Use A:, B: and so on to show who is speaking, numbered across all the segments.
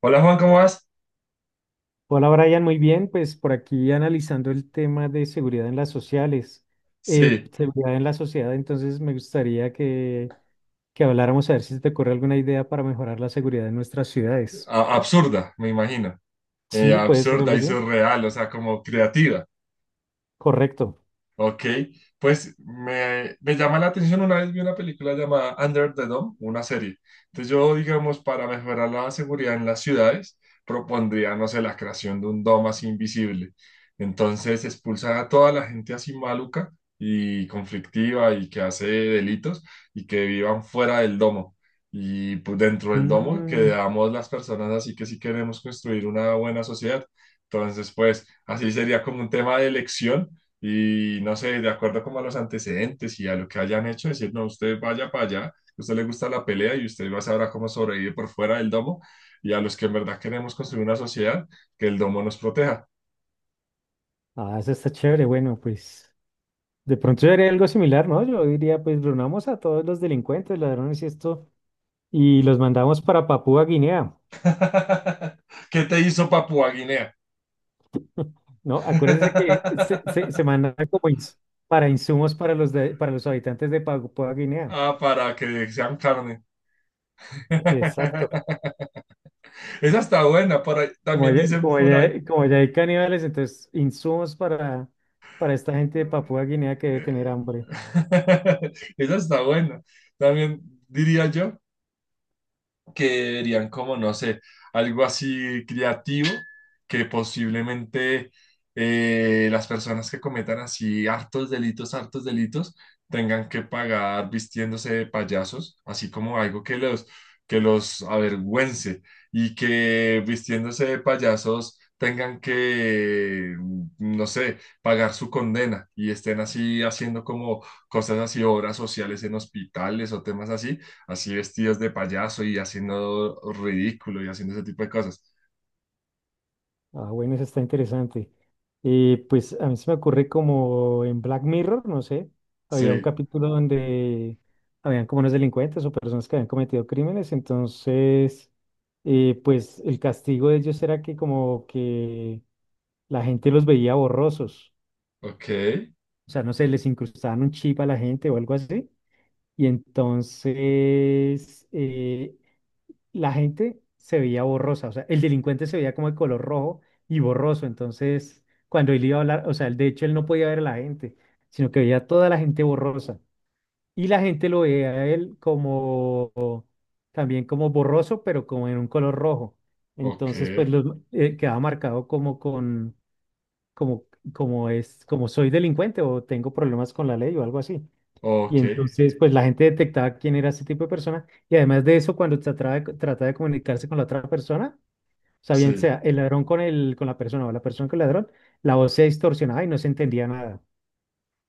A: Hola Juan, ¿cómo vas?
B: Hola Brian, muy bien. Pues por aquí analizando el tema de seguridad en las sociales,
A: Sí,
B: seguridad en la sociedad, entonces me gustaría que habláramos a ver si se te ocurre alguna idea para mejorar la seguridad en nuestras ciudades.
A: absurda, me imagino.
B: Sí, puede ser
A: Absurda
B: algo
A: y
B: así.
A: surreal, o sea, como creativa.
B: Correcto.
A: Ok, pues me llama la atención, una vez vi una película llamada Under the Dome, una serie. Entonces yo, digamos, para mejorar la seguridad en las ciudades, propondría, no sé, la creación de un domo así invisible. Entonces expulsar a toda la gente así maluca y conflictiva y que hace delitos y que vivan fuera del domo. Y pues dentro del domo
B: Mm,
A: quedamos las personas así que sí queremos construir una buena sociedad. Entonces, pues así sería como un tema de elección y no sé, de acuerdo como a los antecedentes y a lo que hayan hecho, decir, no, usted vaya para allá, a usted le gusta la pelea y usted va a saber cómo sobrevivir por fuera del domo y a los que en verdad queremos construir una sociedad, que el domo nos proteja.
B: ah, eso está chévere. Bueno, pues de pronto yo haría algo similar, ¿no? Yo diría, pues reunamos a todos los delincuentes, ladrones y esto, y los mandamos para Papúa Guinea.
A: ¿Qué te hizo Papua Guinea?
B: ¿No? Acuérdense que se mandan como para insumos para para los habitantes de Papúa Guinea.
A: Ah, para que sean carne.
B: Exacto.
A: Esa está buena, por ahí,
B: Como
A: también
B: ya,
A: dicen por ahí.
B: como ya hay caníbales, entonces insumos para esta gente de Papúa Guinea que debe tener
A: eh,
B: hambre.
A: Esa está buena. También diría yo que dirían como, no sé, algo así creativo que posiblemente las personas que cometan así hartos delitos, tengan que pagar vistiéndose de payasos, así como algo que los avergüence y que vistiéndose de payasos tengan que, no sé, pagar su condena y estén así haciendo como cosas así, obras sociales en hospitales o temas así así vestidos de payaso y haciendo ridículo y haciendo ese tipo de cosas.
B: Ah, bueno, eso está interesante. Y pues a mí se me ocurre como en Black Mirror, no sé, había un
A: Sí,
B: capítulo donde habían como unos delincuentes o personas que habían cometido crímenes, entonces, pues el castigo de ellos era que como que la gente los veía borrosos.
A: ok,
B: O sea, no sé, les incrustaban un chip a la gente o algo así. Y entonces la gente se veía borrosa. O sea, el delincuente se veía como de color rojo y borroso. Entonces, cuando él iba a hablar, o sea, de hecho él no podía ver a la gente, sino que veía a toda la gente borrosa. Y la gente lo veía a él como también como borroso, pero como en un color rojo.
A: ok,
B: Entonces, pues quedaba marcado como con como, como soy delincuente o tengo problemas con la ley o algo así. Y
A: ok,
B: entonces, pues la gente detectaba quién era ese tipo de persona. Y además de eso, cuando trataba de comunicarse con la otra persona, o sea, bien
A: sí.
B: sea el ladrón con la persona o la persona con el ladrón, la voz se distorsionaba y no se entendía nada.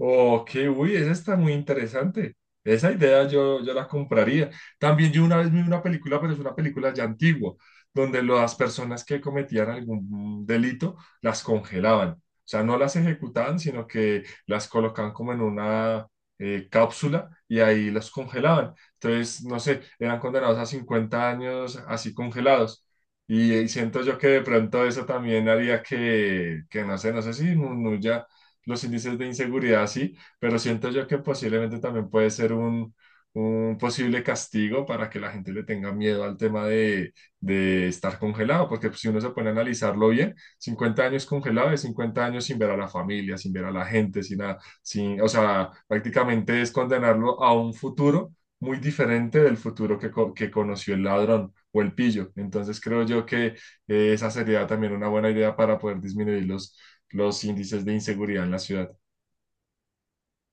A: Ok, uy, esa está muy interesante. Esa idea yo la compraría. También yo una vez vi una película, pero es una película ya antigua, donde las personas que cometían algún delito las congelaban. O sea, no las ejecutaban, sino que las colocaban como en una cápsula y ahí los congelaban. Entonces, no sé, eran condenados a 50 años así congelados. Y siento yo que de pronto eso también haría que no sé, no sé si disminuya los índices de inseguridad, sí, pero siento yo que posiblemente también puede ser un posible castigo para que la gente le tenga miedo al tema de estar congelado, porque pues, si uno se pone a analizarlo bien, 50 años congelado es 50 años sin ver a la familia, sin ver a la gente, sin nada, sin, o sea, prácticamente es condenarlo a un futuro muy diferente del futuro que conoció el ladrón o el pillo. Entonces creo yo que esa sería también una buena idea para poder disminuir los índices de inseguridad en la ciudad.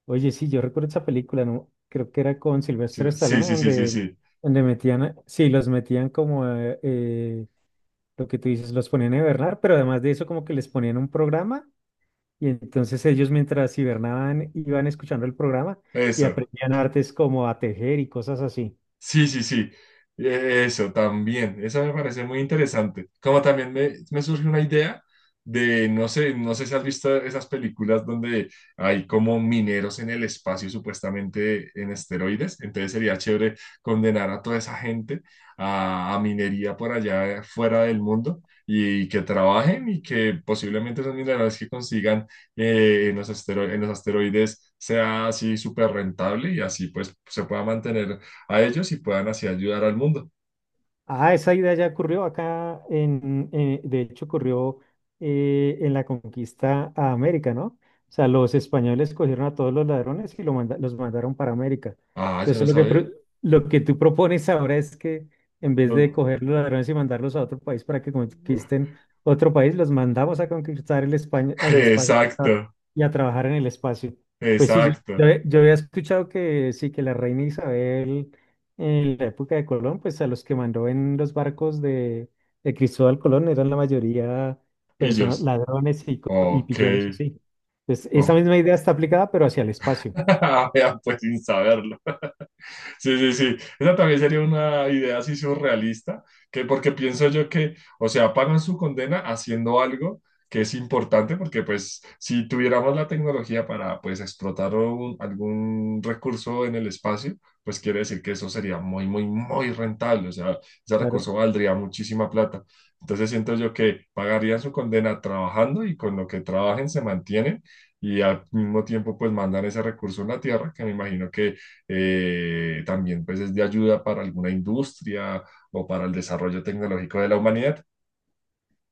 B: Oye, sí, yo recuerdo esa película, ¿no? Creo que era con
A: Sí,
B: Sylvester
A: sí,
B: Stallone,
A: sí, sí, sí,
B: donde,
A: sí.
B: donde sí, los metían como, lo que tú dices, los ponían a hibernar, pero además de eso, como que les ponían un programa. Y entonces ellos mientras hibernaban iban escuchando el programa y
A: Eso.
B: aprendían artes como a tejer y cosas así.
A: Sí, sí, sí. Eso también. Eso me parece muy interesante. Como también me surge una idea de, no sé, no sé si has visto esas películas donde hay como mineros en el espacio, supuestamente en esteroides. Entonces sería chévere condenar a toda esa gente a minería por allá fuera del mundo y que trabajen y que posiblemente esos minerales que consigan en los asteroides sea así súper rentable y así pues se pueda mantener a ellos y puedan así ayudar al mundo.
B: Ah, esa idea ya ocurrió acá, de hecho ocurrió en la conquista a América, ¿no? O sea, los españoles cogieron a todos los ladrones y los mandaron para América.
A: Ah, yo
B: Entonces,
A: no sabía.
B: lo que tú propones ahora es que en vez de
A: No-
B: coger los ladrones y mandarlos a otro país para que conquisten otro país, los mandamos a conquistar España, el espacio
A: Exacto,
B: y a trabajar en el espacio. Pues sí,
A: exacto.
B: yo había escuchado que sí, que la reina Isabel en la época de Colón, pues a los que mandó en los barcos de Cristóbal Colón eran la mayoría personas,
A: Pillos.
B: ladrones y
A: Ok.
B: pilluelos así. Entonces,
A: Oh.
B: esa misma idea está aplicada, pero hacia el espacio,
A: Vean, pues sin saberlo. Sí, sí, sí. Esa también sería una idea así surrealista, que porque pienso yo que, o sea, pagan su condena haciendo algo que es importante, porque pues si tuviéramos la tecnología para pues explotar algún recurso en el espacio, pues quiere decir que eso sería muy, muy, muy rentable, o sea, ese
B: claro.
A: recurso valdría muchísima plata. Entonces siento yo que pagarían su condena trabajando y con lo que trabajen se mantienen y al mismo tiempo pues mandan ese recurso a la Tierra, que me imagino que también pues es de ayuda para alguna industria o para el desarrollo tecnológico de la humanidad.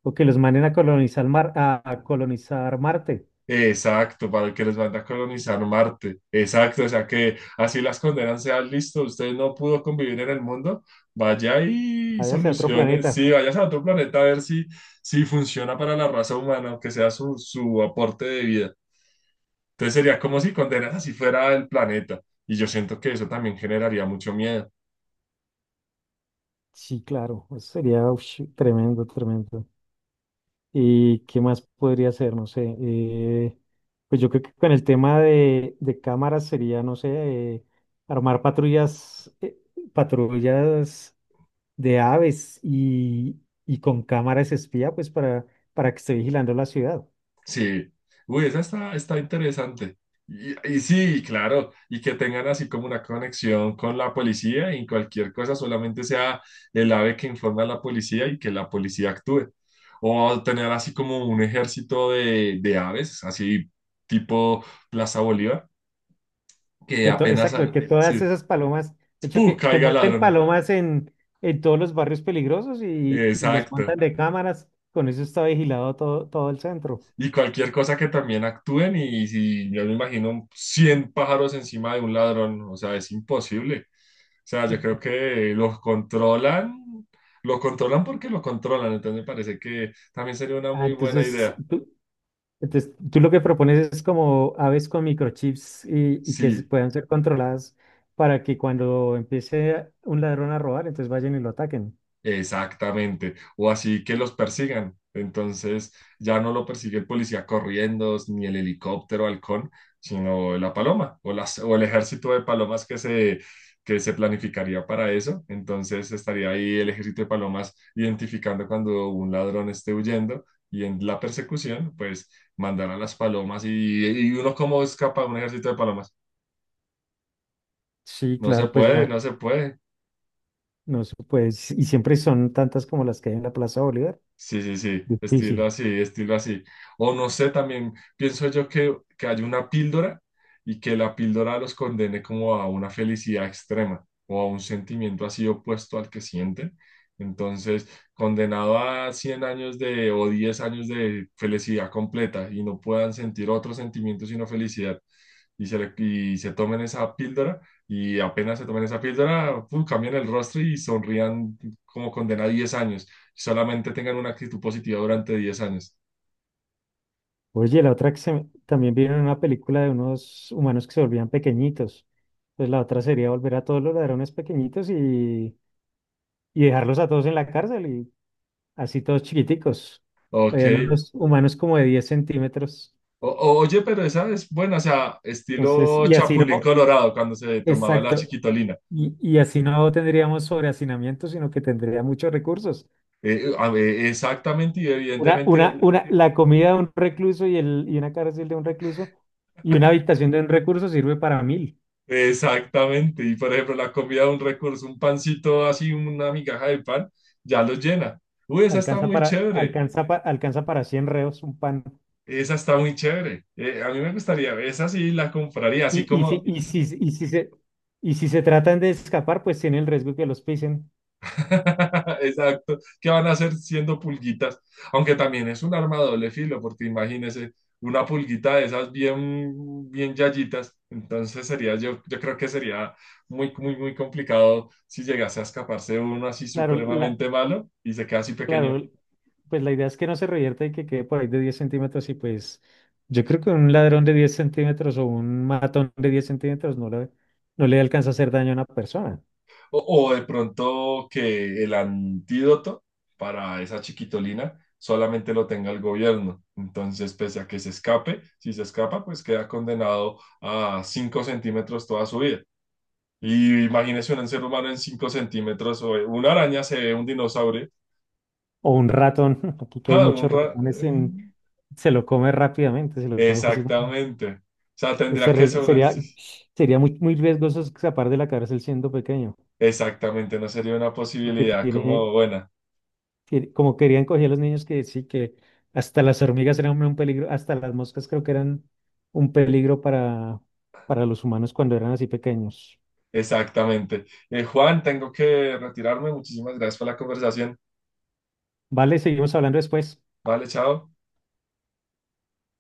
B: O que los manden a colonizar a colonizar Marte,
A: Exacto, para el que les manda a colonizar Marte. Exacto, o sea que así las condenan sean listo, usted no pudo convivir en el mundo, vaya y
B: vaya hacia otro
A: soluciones,
B: planeta.
A: sí, vayas a otro planeta a ver si funciona para la raza humana, aunque sea su aporte de vida. Entonces sería como si condenas así fuera el planeta. Y yo siento que eso también generaría mucho miedo.
B: Sí, claro, eso sería ush, tremendo, tremendo. ¿Y qué más podría ser? No sé. Pues yo creo que con el tema de cámaras sería, no sé, armar patrullas, patrullas de aves y con cámaras espía, pues para que esté vigilando la ciudad.
A: Sí, uy, esa está interesante. Y sí, claro, y que tengan así como una conexión con la policía y cualquier cosa solamente sea el ave que informa a la policía y que la policía actúe. O tener así como un ejército de aves, así tipo Plaza Bolívar, que apenas,
B: Exacto, que todas
A: sí,
B: esas palomas, de hecho,
A: ¡pum!
B: que
A: Caiga el
B: monten
A: ladrón.
B: palomas en todos los barrios peligrosos y les
A: Exacto.
B: montan de cámaras. Con eso está vigilado todo, todo el centro.
A: Y cualquier cosa que también actúen y si yo me imagino 100 pájaros encima de un ladrón, o sea, es imposible. O sea, yo creo que los controlan, lo controlan porque lo controlan, entonces me parece que también sería una
B: Ah,
A: muy buena
B: entonces,
A: idea.
B: tú- Entonces, tú lo que propones es como aves con microchips y que se
A: Sí.
B: puedan ser controladas para que cuando empiece un ladrón a robar, entonces vayan y lo ataquen.
A: Exactamente, o así que los persigan. Entonces ya no lo persigue el policía corriendo, ni el helicóptero halcón, sino la paloma o el ejército de palomas que se planificaría para eso. Entonces estaría ahí el ejército de palomas identificando cuando un ladrón esté huyendo y en la persecución, pues mandar a las palomas y uno cómo escapa de un ejército de palomas.
B: Sí,
A: No se
B: claro, pues
A: puede, no se puede.
B: no se puede, y siempre son tantas como las que hay en la Plaza Bolívar.
A: Sí, sí, sí, estilo
B: Difícil.
A: así, estilo así. O no sé, también pienso yo que hay una píldora y que la píldora los condene como a una felicidad extrema o a un sentimiento así opuesto al que sienten. Entonces, condenado a 100 años de o 10 años de felicidad completa y no puedan sentir otro sentimiento sino felicidad y se tomen esa píldora y apenas se tomen esa píldora, pum, cambian el rostro y sonrían como condena a 10 años solamente tengan una actitud positiva durante 10 años.
B: Oye, la otra que se me- también vieron una película de unos humanos que se volvían pequeñitos. Entonces la otra sería volver a todos los ladrones pequeñitos y dejarlos a todos en la cárcel y así todos chiquiticos.
A: Ok.
B: Habían unos humanos como de 10 centímetros.
A: Oye, pero esa es buena, o sea,
B: Entonces,
A: estilo
B: y así
A: Chapulín
B: no,
A: Colorado, cuando se tomaba la
B: exacto,
A: chiquitolina.
B: y así no tendríamos sobrehacinamiento, sino que tendría muchos recursos.
A: A ver, exactamente y evidentemente,
B: Una, la comida de un recluso y una cárcel de un recluso y una habitación de un recluso sirve para mil,
A: exactamente. Y por ejemplo, la comida de un recurso, un pancito así, una migaja de pan, ya los llena. Uy, esa está
B: alcanza
A: muy
B: para,
A: chévere,
B: alcanza para 100 reos un pan.
A: esa está muy chévere. A mí me gustaría, esa sí la compraría, así
B: Y, y, si,
A: como
B: y, si, y, si se, y si se tratan de escapar, pues tiene el riesgo que los pisen.
A: Exacto. ¿Qué van a hacer siendo pulguitas? Aunque también es un arma de doble filo, porque imagínese una pulguita de esas bien, bien yayitas. Entonces sería, yo creo que sería muy, muy, muy complicado si llegase a escaparse uno así
B: Claro, la,
A: supremamente malo y se queda así pequeño.
B: Claro, pues la idea es que no se revierta y que quede por ahí de 10 centímetros y pues yo creo que un ladrón de 10 centímetros o un matón de 10 centímetros no le alcanza a hacer daño a una persona.
A: O de pronto que el antídoto para esa chiquitolina solamente lo tenga el gobierno. Entonces, pese a que se escape, si se escapa, pues queda condenado a 5 centímetros toda su vida. Y imagínese un ser humano en 5 centímetros, o una araña se ve un dinosaurio.
B: O un ratón, aquí que hay
A: ¡Ja!
B: muchos ratones,
A: Mm,
B: se lo come rápidamente, se lo come fácilmente.
A: Exactamente. O sea, tendría que sobre. Sí.
B: Sería sería muy, muy riesgoso escapar de la cárcel siendo pequeño,
A: Exactamente, no sería una
B: porque
A: posibilidad como buena.
B: como querían coger a los niños que hasta las hormigas eran un peligro, hasta las moscas creo que eran un peligro para los humanos cuando eran así pequeños.
A: Exactamente. Juan, tengo que retirarme. Muchísimas gracias por la conversación.
B: Vale, seguimos hablando después.
A: Vale, chao.